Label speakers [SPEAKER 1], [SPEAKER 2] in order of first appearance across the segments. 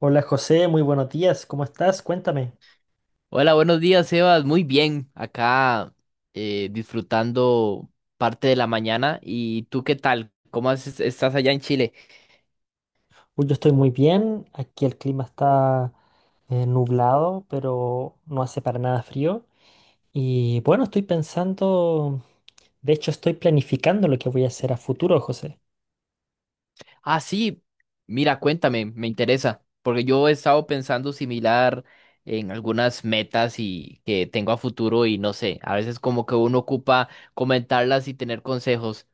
[SPEAKER 1] Hola José, muy buenos días, ¿cómo estás? Cuéntame.
[SPEAKER 2] Hola, buenos días, Sebas. Muy bien, acá disfrutando parte de la mañana. ¿Y tú qué tal? ¿Cómo estás allá en Chile?
[SPEAKER 1] Uy, yo estoy muy bien, aquí el clima está nublado, pero no hace para nada frío. Y bueno, estoy pensando, de hecho estoy planificando lo que voy a hacer a futuro, José.
[SPEAKER 2] Ah, sí, mira, cuéntame, me interesa, porque yo he estado pensando similar en algunas metas y que tengo a futuro y no sé, a veces como que uno ocupa comentarlas y tener consejos.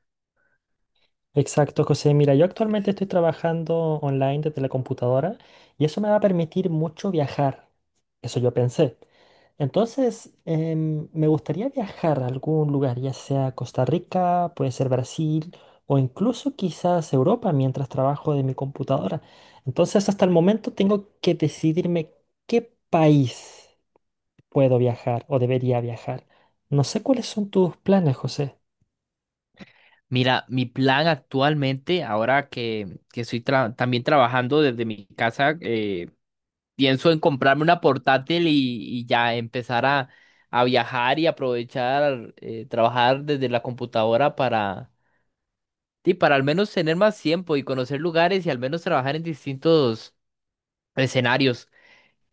[SPEAKER 1] Exacto, José. Mira, yo actualmente estoy trabajando online desde la computadora y eso me va a permitir mucho viajar. Eso yo pensé. Entonces, me gustaría viajar a algún lugar, ya sea Costa Rica, puede ser Brasil o incluso quizás Europa mientras trabajo de mi computadora. Entonces, hasta el momento tengo que decidirme qué país puedo viajar o debería viajar. No sé cuáles son tus planes, José.
[SPEAKER 2] Mira, mi plan actualmente, ahora que estoy también trabajando desde mi casa, pienso en comprarme una portátil y ya empezar a viajar y aprovechar, trabajar desde la computadora para, sí, para al menos tener más tiempo y conocer lugares y al menos trabajar en distintos escenarios.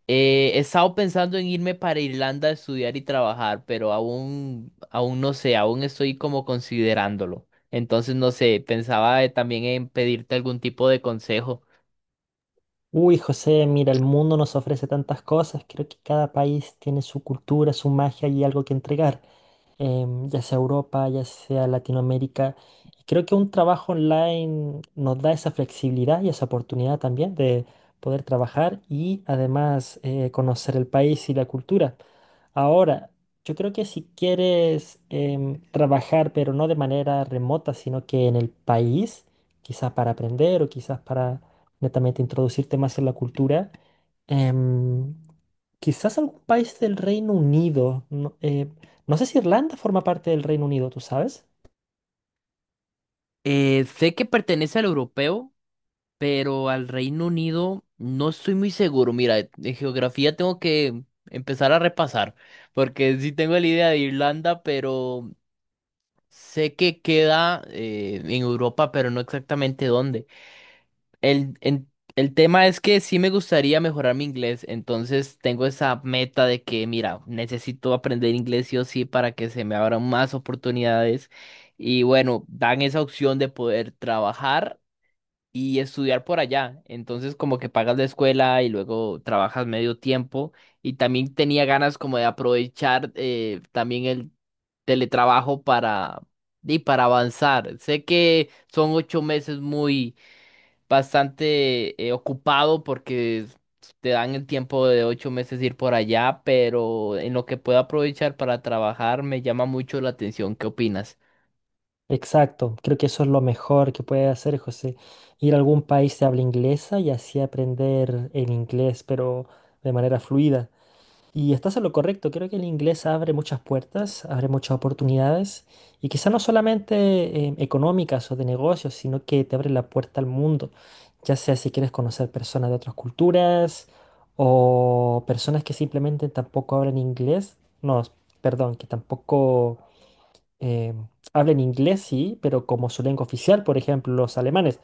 [SPEAKER 2] He estado pensando en irme para Irlanda a estudiar y trabajar, pero aún no sé, aún estoy como considerándolo. Entonces, no sé, pensaba también en pedirte algún tipo de consejo.
[SPEAKER 1] Uy, José, mira, el mundo nos ofrece tantas cosas. Creo que cada país tiene su cultura, su magia y algo que entregar, ya sea Europa, ya sea Latinoamérica. Y creo que un trabajo online nos da esa flexibilidad y esa oportunidad también de poder trabajar y además conocer el país y la cultura. Ahora, yo creo que si quieres trabajar, pero no de manera remota, sino que en el país, quizás para aprender o quizás para netamente introducirte más en la cultura. em, Quizás algún país del Reino Unido. No sé si Irlanda forma parte del Reino Unido, ¿tú sabes?
[SPEAKER 2] Sé que pertenece al europeo, pero al Reino Unido no estoy muy seguro. Mira, de geografía tengo que empezar a repasar, porque sí tengo la idea de Irlanda, pero sé que queda en Europa, pero no exactamente dónde. El, en- el tema es que sí me gustaría mejorar mi inglés, entonces tengo esa meta de que, mira, necesito aprender inglés sí o sí para que se me abran más oportunidades. Y bueno, dan esa opción de poder trabajar y estudiar por allá. Entonces como que pagas la escuela y luego trabajas medio tiempo. Y también tenía ganas como de aprovechar también el teletrabajo y para avanzar. Sé que son 8 meses muy bastante ocupado porque te dan el tiempo de 8 meses ir por allá, pero en lo que puedo aprovechar para trabajar me llama mucho la atención. ¿Qué opinas?
[SPEAKER 1] Exacto, creo que eso es lo mejor que puede hacer José, ir a algún país de habla inglesa y así aprender el inglés, pero de manera fluida. Y estás en lo correcto, creo que el inglés abre muchas puertas, abre muchas oportunidades y quizá no solamente económicas o de negocios, sino que te abre la puerta al mundo, ya sea si quieres conocer personas de otras culturas o personas que simplemente tampoco hablan inglés. No, perdón, que tampoco eh, hablan inglés, sí, pero como su lengua oficial, por ejemplo, los alemanes.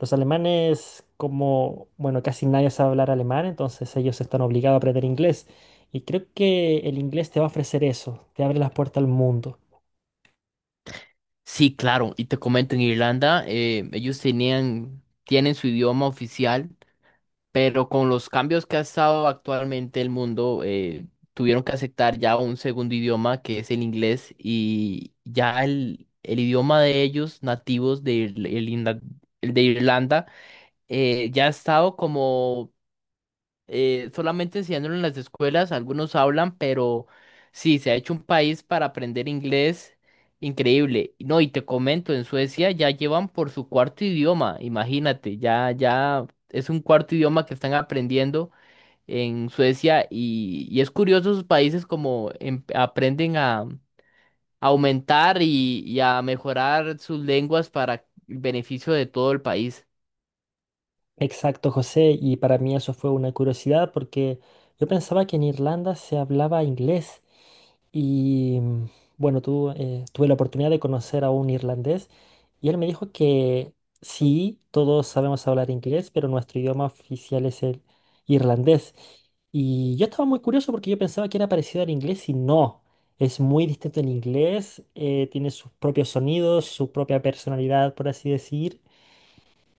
[SPEAKER 1] Los alemanes, como, bueno, casi nadie sabe hablar alemán, entonces ellos están obligados a aprender inglés. Y creo que el inglés te va a ofrecer eso, te abre las puertas al mundo.
[SPEAKER 2] Sí, claro, y te comento, en Irlanda ellos tenían, tienen su idioma oficial, pero con los cambios que ha estado actualmente el mundo, tuvieron que aceptar ya un segundo idioma que es el inglés y ya el idioma de ellos, nativos de, el de Irlanda. Ya ha estado como solamente enseñándolo en las escuelas, algunos hablan, pero sí, se ha hecho un país para aprender inglés increíble. No, y te comento, en Suecia ya llevan por su cuarto idioma, imagínate, ya es un cuarto idioma que están aprendiendo en Suecia y es curioso sus países como aprenden a aumentar y a mejorar sus lenguas para el beneficio de todo el país.
[SPEAKER 1] Exacto, José, y para mí eso fue una curiosidad porque yo pensaba que en Irlanda se hablaba inglés. Y mm, bueno, tú, tuve la oportunidad de conocer a un irlandés y él me dijo que sí, todos sabemos hablar inglés, pero nuestro idioma oficial es el irlandés. Y yo estaba muy curioso porque yo pensaba que era parecido al inglés y no. Es muy distinto al inglés, tiene sus propios sonidos, su propia personalidad, por así decir.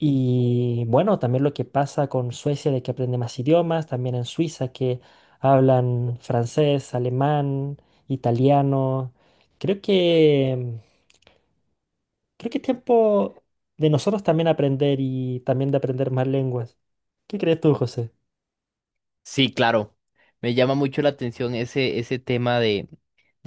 [SPEAKER 1] Y bueno, también lo que pasa con Suecia de que aprende más idiomas, también en Suiza que hablan francés, alemán, italiano. Creo que creo que es tiempo de nosotros también aprender y también de aprender más lenguas. ¿Qué crees tú, José?
[SPEAKER 2] Sí, claro. Me llama mucho la atención ese tema de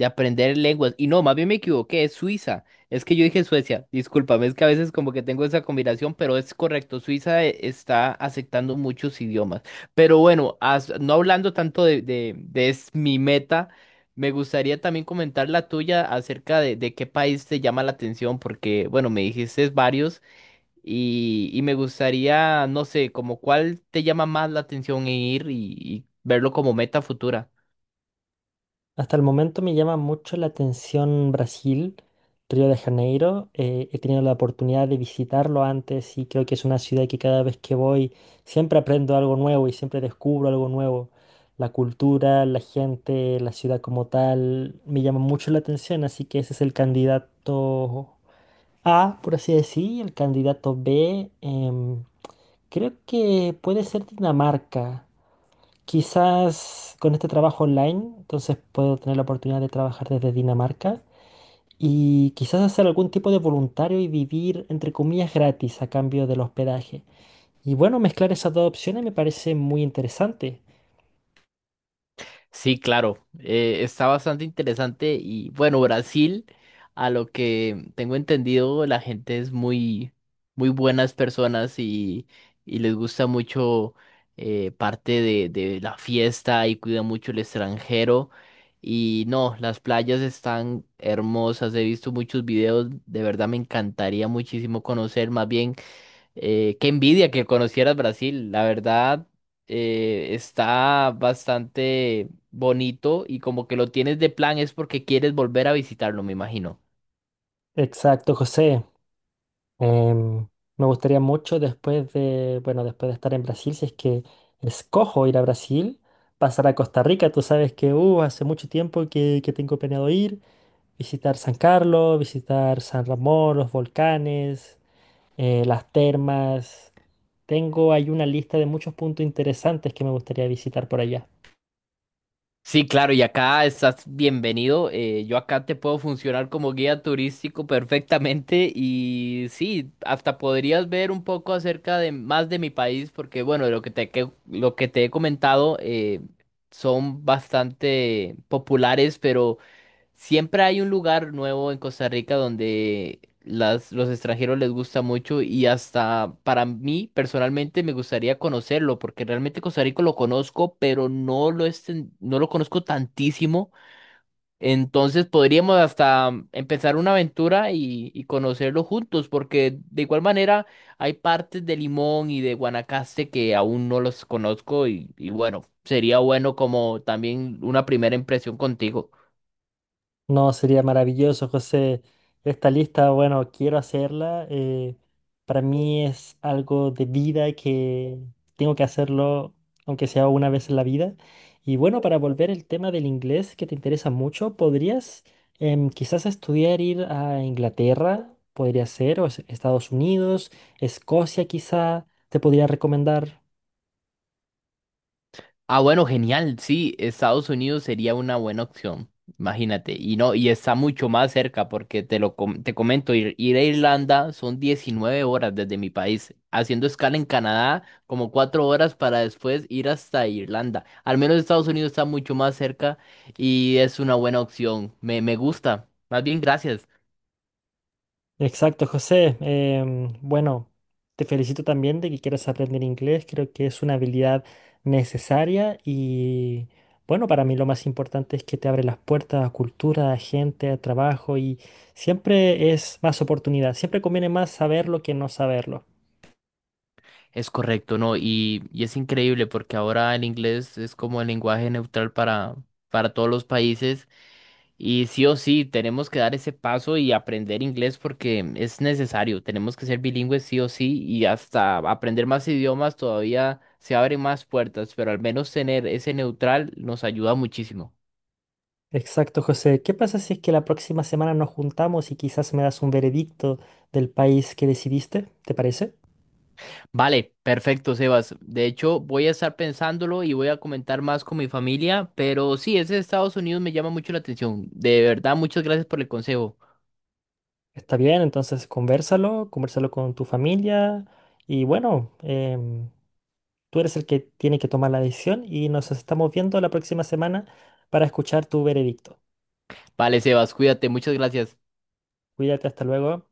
[SPEAKER 2] aprender lenguas. Y no, más bien me equivoqué, es Suiza. Es que yo dije Suecia. Discúlpame, es que a veces como que tengo esa combinación, pero es correcto. Suiza está aceptando muchos idiomas. Pero bueno, no hablando tanto de es mi meta, me gustaría también comentar la tuya acerca de qué país te llama la atención, porque bueno, me dijiste varios y me gustaría, no sé, como cuál te llama más la atención en ir y verlo como meta futura.
[SPEAKER 1] Hasta el momento me llama mucho la atención Brasil, Río de Janeiro. He tenido la oportunidad de visitarlo antes y creo que es una ciudad que cada vez que voy siempre aprendo algo nuevo y siempre descubro algo nuevo. La cultura, la gente, la ciudad como tal, me llama mucho la atención, así que ese es el candidato A, por así decir, y el candidato B, creo que puede ser Dinamarca. Quizás con este trabajo online, entonces puedo tener la oportunidad de trabajar desde Dinamarca y quizás hacer algún tipo de voluntario y vivir, entre comillas, gratis a cambio del hospedaje. Y bueno, mezclar esas dos opciones me parece muy interesante.
[SPEAKER 2] Sí, claro, está bastante interesante y bueno, Brasil, a lo que tengo entendido, la gente es muy, muy buenas personas y les gusta mucho parte de la fiesta y cuida mucho el extranjero y no, las playas están hermosas, he visto muchos videos, de verdad me encantaría muchísimo conocer, más bien qué envidia que conocieras Brasil, la verdad, está bastante bonito y como que lo tienes de plan es porque quieres volver a visitarlo, me imagino.
[SPEAKER 1] Exacto, José. Em, me gustaría mucho después de, bueno, después de estar en Brasil, si es que escojo ir a Brasil, pasar a Costa Rica. Tú sabes que, hace mucho tiempo que tengo planeado ir. Visitar San Carlos, visitar San Ramón, los volcanes, las termas. Tengo ahí una lista de muchos puntos interesantes que me gustaría visitar por allá.
[SPEAKER 2] Sí, claro, y acá estás bienvenido. Yo acá te puedo funcionar como guía turístico perfectamente y sí, hasta podrías ver un poco acerca de más de mi país porque bueno, de lo que lo que te he comentado son bastante populares, pero siempre hay un lugar nuevo en Costa Rica donde los extranjeros les gusta mucho y hasta para mí personalmente me gustaría conocerlo porque realmente Costa Rica lo conozco, pero no lo, no lo conozco tantísimo. Entonces podríamos hasta empezar una aventura y conocerlo juntos porque de igual manera hay partes de Limón y de Guanacaste que aún no los conozco y bueno, sería bueno como también una primera impresión contigo.
[SPEAKER 1] No, sería maravilloso, José. Esta lista, bueno, quiero hacerla. Para mí es algo de vida que tengo que hacerlo, aunque sea una vez en la vida. Y bueno, para volver al tema del inglés que te interesa mucho, ¿podrías quizás estudiar ir a Inglaterra? Podría ser, Estados Unidos, Escocia quizá, te podría recomendar.
[SPEAKER 2] Ah, bueno, genial. Sí, Estados Unidos sería una buena opción. Imagínate. Y no, y está mucho más cerca porque te comento, ir a Irlanda son 19 horas desde mi país, haciendo escala en Canadá como 4 horas para después ir hasta Irlanda. Al menos Estados Unidos está mucho más cerca y es una buena opción. Me gusta. Más bien, gracias.
[SPEAKER 1] Exacto, José. Em, bueno, te felicito también de que quieras aprender inglés. Creo que es una habilidad necesaria y bueno, para mí lo más importante es que te abre las puertas a cultura, a gente, a trabajo y siempre es más oportunidad. Siempre conviene más saberlo que no saberlo.
[SPEAKER 2] Es correcto, ¿no? Y es increíble porque ahora el inglés es como el lenguaje neutral para todos los países. Y sí o sí, tenemos que dar ese paso y aprender inglés porque es necesario. Tenemos que ser bilingües sí o sí y hasta aprender más idiomas todavía se abren más puertas, pero al menos tener ese neutral nos ayuda muchísimo.
[SPEAKER 1] Exacto, José. ¿Qué pasa si es que la próxima semana nos juntamos y quizás me das un veredicto del país que decidiste? ¿Te parece?
[SPEAKER 2] Vale, perfecto, Sebas. De hecho, voy a estar pensándolo y voy a comentar más con mi familia, pero sí, ese de Estados Unidos me llama mucho la atención. De verdad, muchas gracias por el consejo.
[SPEAKER 1] Está bien, entonces convérsalo, convérsalo con tu familia y bueno, em, tú eres el que tiene que tomar la decisión y nos estamos viendo la próxima semana para escuchar tu veredicto.
[SPEAKER 2] Vale, Sebas, cuídate, muchas gracias.
[SPEAKER 1] Cuídate, hasta luego.